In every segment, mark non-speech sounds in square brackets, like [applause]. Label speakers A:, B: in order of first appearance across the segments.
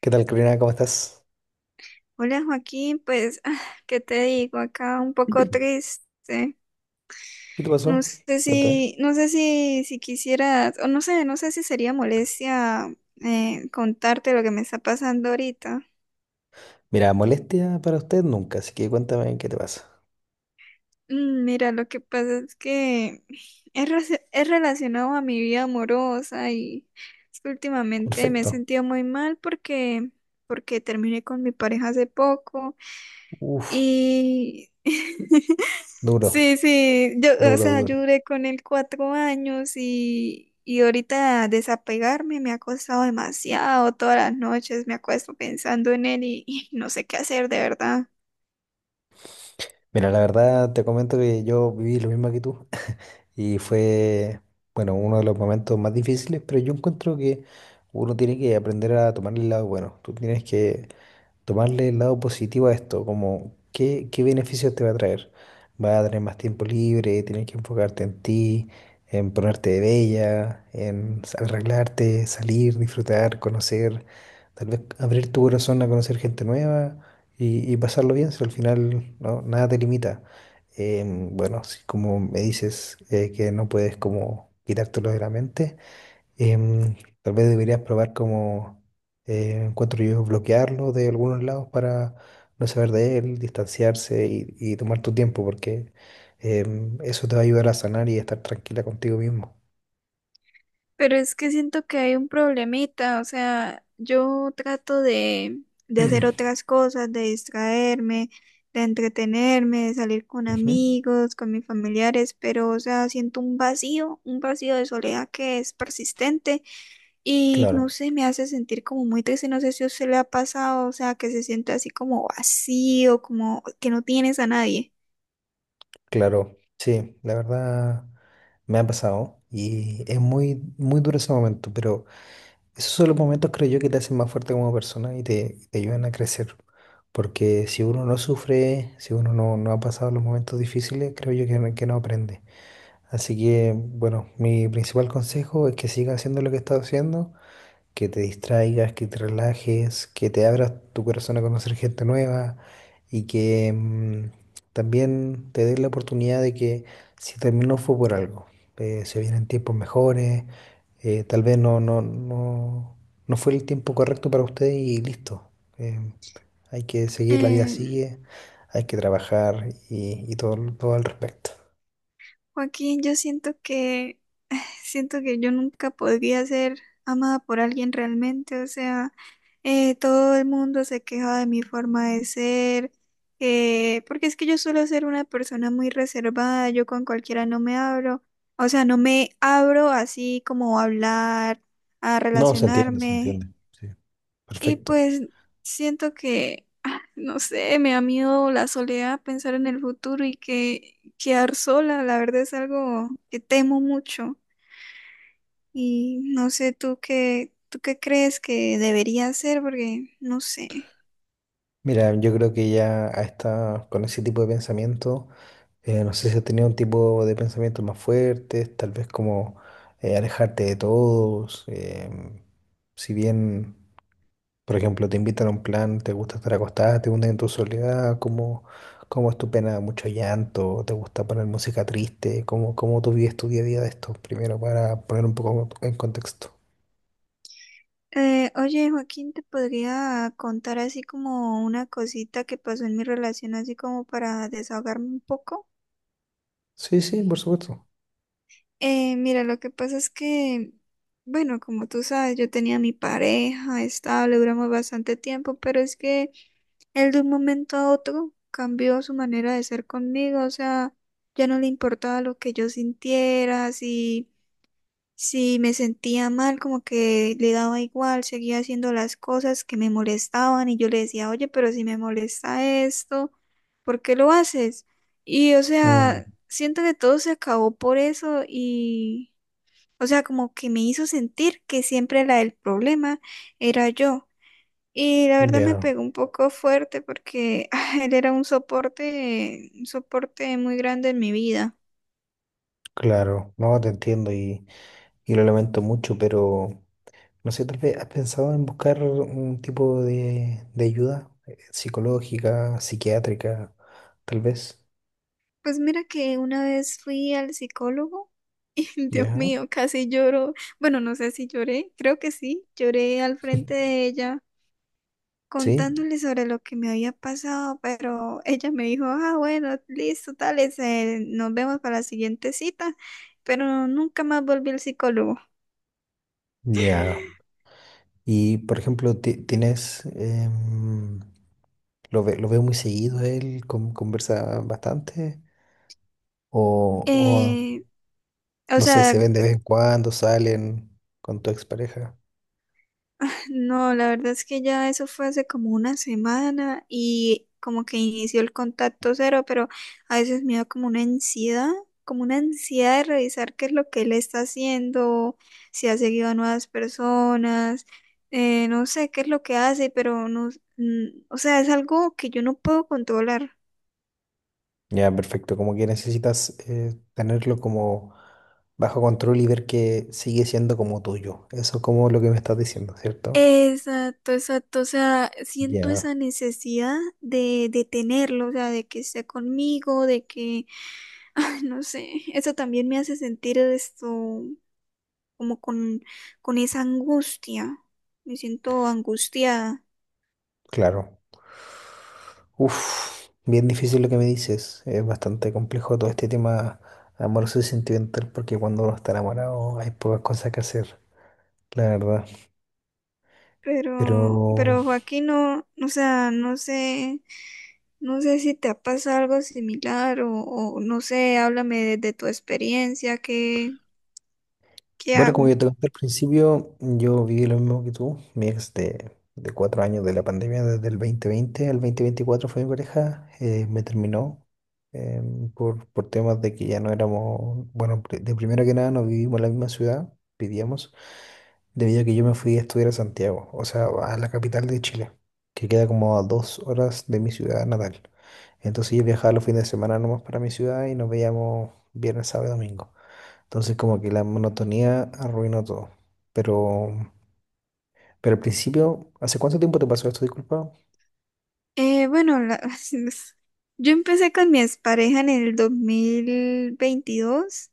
A: ¿Qué tal, Karina? ¿Cómo estás?
B: Hola Joaquín, pues, ah, ¿qué te digo? Acá un poco triste.
A: ¿Qué te pasó?
B: No sé
A: Cuéntame.
B: si, no sé si, si quisieras, o no sé si sería molestia contarte lo que me está pasando ahorita.
A: Mira, molestia para usted nunca, así que cuéntame qué te pasa.
B: Mira, lo que pasa es que es relacionado a mi vida amorosa y es que últimamente me he
A: Perfecto.
B: sentido muy mal porque terminé con mi pareja hace poco.
A: Uf,
B: Y [laughs]
A: duro,
B: sí, sí, o
A: duro,
B: sea, yo
A: duro.
B: duré con él 4 años y ahorita desapegarme me ha costado demasiado. Todas las noches me acuesto pensando en él y no sé qué hacer, de verdad.
A: Mira, la verdad te comento que yo viví lo mismo que tú [laughs] y fue, bueno, uno de los momentos más difíciles, pero yo encuentro que uno tiene que aprender a tomar el lado bueno. Tú tienes que tomarle el lado positivo a esto, como qué, qué beneficios te va a traer. Va a tener más tiempo libre, tienes que enfocarte en ti, en ponerte de bella, en arreglarte, salir, disfrutar, conocer, tal vez abrir tu corazón a conocer gente nueva y pasarlo bien, si al final no, nada te limita. Bueno, si como me dices que no puedes como quitártelo de la mente. Em, Tal vez deberías probar como encuentro yo bloquearlo de algunos lados para no saber de él, distanciarse y tomar tu tiempo, porque eso te va a ayudar a sanar y a estar tranquila contigo mismo.
B: Pero es que siento que hay un problemita, o sea, yo trato de hacer otras cosas, de distraerme, de entretenerme, de salir con
A: Ujú.
B: amigos, con mis familiares, pero, o sea, siento un vacío de soledad que es persistente y
A: Claro.
B: no sé, me hace sentir como muy triste, no sé si a usted le ha pasado, o sea, que se siente así como vacío, como que no tienes a nadie.
A: Claro, sí, la verdad me ha pasado y es muy, muy duro ese momento, pero esos son los momentos, creo yo, que te hacen más fuerte como persona y te ayudan a crecer. Porque si uno no sufre, si uno no, no ha pasado los momentos difíciles, creo yo que, que no aprende. Así que, bueno, mi principal consejo es que siga haciendo lo que está haciendo, que te distraigas, que te relajes, que te abras tu corazón a conocer gente nueva y que también te des la oportunidad de que si terminó fue por algo. Se vienen tiempos mejores, tal vez no fue el tiempo correcto para usted y listo. Em, Hay que seguir, la vida
B: Em,
A: sigue, hay que trabajar y todo, todo al respecto.
B: Joaquín, yo siento que siento que yo nunca podría ser amada por alguien realmente, o sea, todo el mundo se queja de mi forma de ser, porque es que yo suelo ser una persona muy reservada, yo con cualquiera no me abro, o sea, no me abro así como a hablar, a
A: No, se entiende, se
B: relacionarme,
A: entiende. Sí.
B: y
A: Perfecto.
B: pues siento que, ah, no sé, me da miedo la soledad, pensar en el futuro y que quedar sola, la verdad es algo que temo mucho. Y no sé tú qué crees que debería hacer, porque no sé.
A: Mira, yo creo que ya con ese tipo de pensamiento, no sé si has tenido un tipo de pensamientos más fuertes, tal vez como alejarte de todos. Si bien, por ejemplo, te invitan a un plan, te gusta estar acostada, te hundes en tu soledad, ¿cómo, cómo es tu pena? ¿Mucho llanto? ¿Te gusta poner música triste? ¿Cómo, cómo tú vives tu día a día de esto? Primero, para poner un poco en contexto.
B: Oye, Joaquín, ¿te podría contar así como una cosita que pasó en mi relación, así como para desahogarme un poco?
A: Sí, sí, por supuesto.
B: Mira, lo que pasa es que, bueno, como tú sabes, yo tenía mi pareja estable, duramos bastante tiempo, pero es que él de un momento a otro cambió su manera de ser conmigo, o sea, ya no le importaba lo que yo sintiera, si... Sí, me sentía mal, como que le daba igual, seguía haciendo las cosas que me molestaban y yo le decía: oye, pero si me molesta esto, ¿por qué lo haces? Y, o
A: Mm,
B: sea, siento que todo se acabó por eso y, o sea, como que me hizo sentir que siempre la del problema era yo. Y la verdad me
A: ya,
B: pegó un poco fuerte porque [laughs] [sighs] él era un soporte muy grande en mi vida.
A: claro, no, te entiendo y lo lamento mucho, pero no sé, tal vez has pensado en buscar un tipo de ayuda, psicológica, psiquiátrica, tal vez.
B: Pues mira que una vez fui al psicólogo y [laughs] Dios
A: ¿Ya?
B: mío, casi lloro. Bueno, no sé si lloré, creo que sí, lloré al frente de ella
A: ¿Sí?
B: contándole sobre lo que me había pasado, pero ella me dijo: ah, bueno, listo, tales, nos vemos para la siguiente cita, pero nunca más volví al psicólogo.
A: Ya. Y, por ejemplo, tienes... lo, lo veo muy seguido, él conversa bastante. O, o,
B: Eh, o
A: no sé, se
B: sea,
A: ven de vez en cuando, salen con tu expareja.
B: no, la verdad es que ya eso fue hace como una semana y como que inició el contacto cero, pero a veces me da como una ansiedad de revisar qué es lo que él está haciendo, si ha seguido a nuevas personas, no sé qué es lo que hace, pero no, mm, o sea, es algo que yo no puedo controlar.
A: Ya, perfecto. Como que necesitas, tenerlo como bajo control y ver que sigue siendo como tuyo. Eso es como lo que me estás diciendo, ¿cierto?
B: Exacto, exacto. O sea, siento
A: Ya,
B: esa necesidad de, tenerlo, o sea, de que esté conmigo, de que, [laughs] ay, no sé, eso también me hace sentir esto como con esa angustia. Me siento angustiada.
A: claro. Uf, bien difícil lo que me dices. Es bastante complejo todo este tema amoroso y sentimental porque cuando uno está enamorado hay pocas cosas que hacer, la verdad.
B: Pero,
A: Pero
B: pero Joaquín, no, o sea, no sé, no sé si te ha pasado algo similar o no sé, háblame de tu experiencia, ¿qué
A: bueno, como yo
B: hago?
A: te conté al principio, yo viví lo mismo que tú. Mi ex de cuatro años de la pandemia, desde el 2020 al 2024 fue mi pareja, me terminó eh, por temas de que ya no éramos, bueno, de primero que nada no vivimos en la misma ciudad, vivíamos, debido a que yo me fui a estudiar a Santiago, o sea, a la capital de Chile, que queda como a dos horas de mi ciudad natal. Entonces yo viajaba los fines de semana nomás para mi ciudad y nos veíamos viernes, sábado y domingo. Entonces como que la monotonía arruinó todo. Pero, pero al principio, ¿hace cuánto tiempo te pasó esto? Disculpa.
B: Bueno, [laughs] yo empecé con mi expareja en el 2022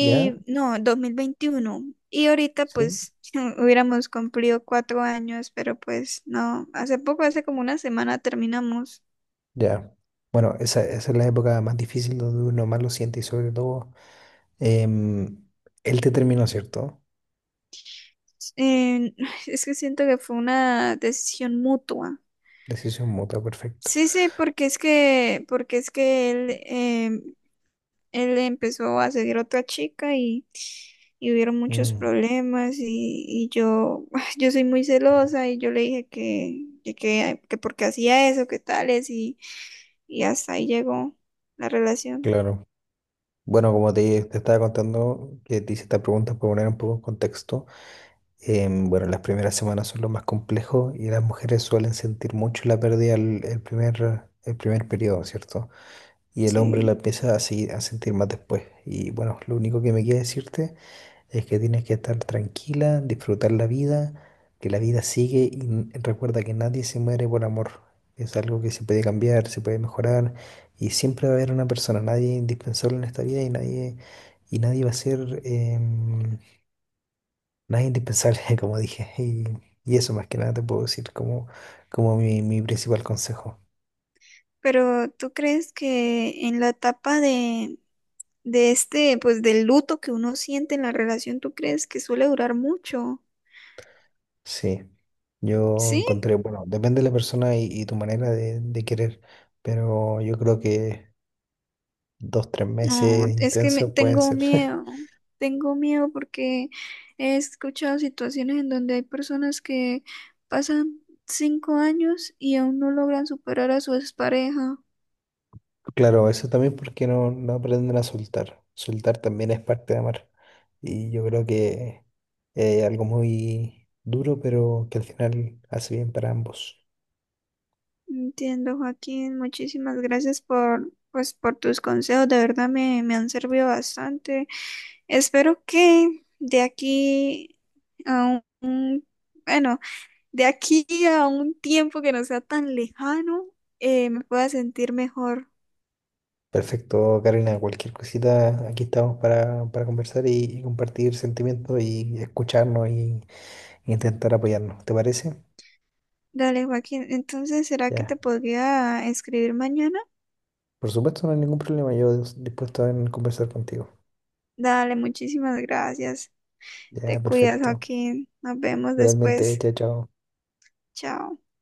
A: ¿Ya?
B: no, 2021. Y ahorita
A: ¿Sí?
B: pues [laughs] hubiéramos cumplido 4 años, pero pues no, hace poco, hace como una semana terminamos.
A: Ya. Bueno, esa es la época más difícil donde uno más lo siente y sobre todo, em, él te terminó, ¿cierto?
B: Eh, [sighs] es que siento que fue una decisión mutua.
A: Decisión mutua, perfecto.
B: Sí, sí, porque es que él empezó a seguir a otra chica y hubieron muchos
A: Mm,
B: problemas y yo, [laughs] [sighs] yo soy muy celosa y yo le dije que, que porque hacía eso, que tales y hasta ahí llegó la relación.
A: claro. Bueno, como te estaba contando, que te hice esta pregunta para poner un poco en contexto. Bueno, las primeras semanas son lo más complejo y las mujeres suelen sentir mucho la pérdida el primer periodo, ¿cierto? Y el hombre
B: Sí.
A: la empieza así a sentir más después. Y bueno, lo único que me queda decirte es que tienes que estar tranquila, disfrutar la vida, que la vida sigue y recuerda que nadie se muere por amor. Es algo que se puede cambiar, se puede mejorar y siempre va a haber una persona, nadie es indispensable en esta vida y nadie va a ser, em, nadie es indispensable, [laughs] como dije. Y y eso más que nada te puedo decir como, como mi principal consejo.
B: Pero ¿tú crees que en la etapa de este, pues del luto que uno siente en la relación? ¿Tú crees que suele durar mucho?
A: Sí, yo
B: Sí.
A: encontré, bueno, depende de la persona y tu manera de querer, pero yo creo que dos, tres meses
B: No, es que
A: intensos pueden ser. [laughs]
B: tengo miedo porque he escuchado situaciones en donde hay personas que pasan 5 años y aún no logran superar a su expareja.
A: Claro, eso también porque no, no aprenden a soltar. Soltar también es parte de amar. Y yo creo que es algo muy duro, pero que al final hace bien para ambos.
B: Entiendo, Joaquín, muchísimas gracias por, pues, por tus consejos, de verdad me han servido bastante. Espero que de aquí a un, bueno, de aquí a un tiempo que no sea tan lejano, me pueda sentir mejor.
A: Perfecto, Karina, cualquier cosita, aquí estamos para conversar y compartir sentimientos y escucharnos y intentar apoyarnos. ¿Te parece?
B: Dale, Joaquín. Entonces, ¿será que te
A: Ya,
B: podría escribir mañana?
A: por supuesto, no hay ningún problema. Yo dispuesto a conversar contigo.
B: Dale, muchísimas gracias.
A: Ya,
B: Te cuidas,
A: perfecto.
B: Joaquín. Nos vemos
A: Igualmente,
B: después.
A: chao, chao.
B: Chao.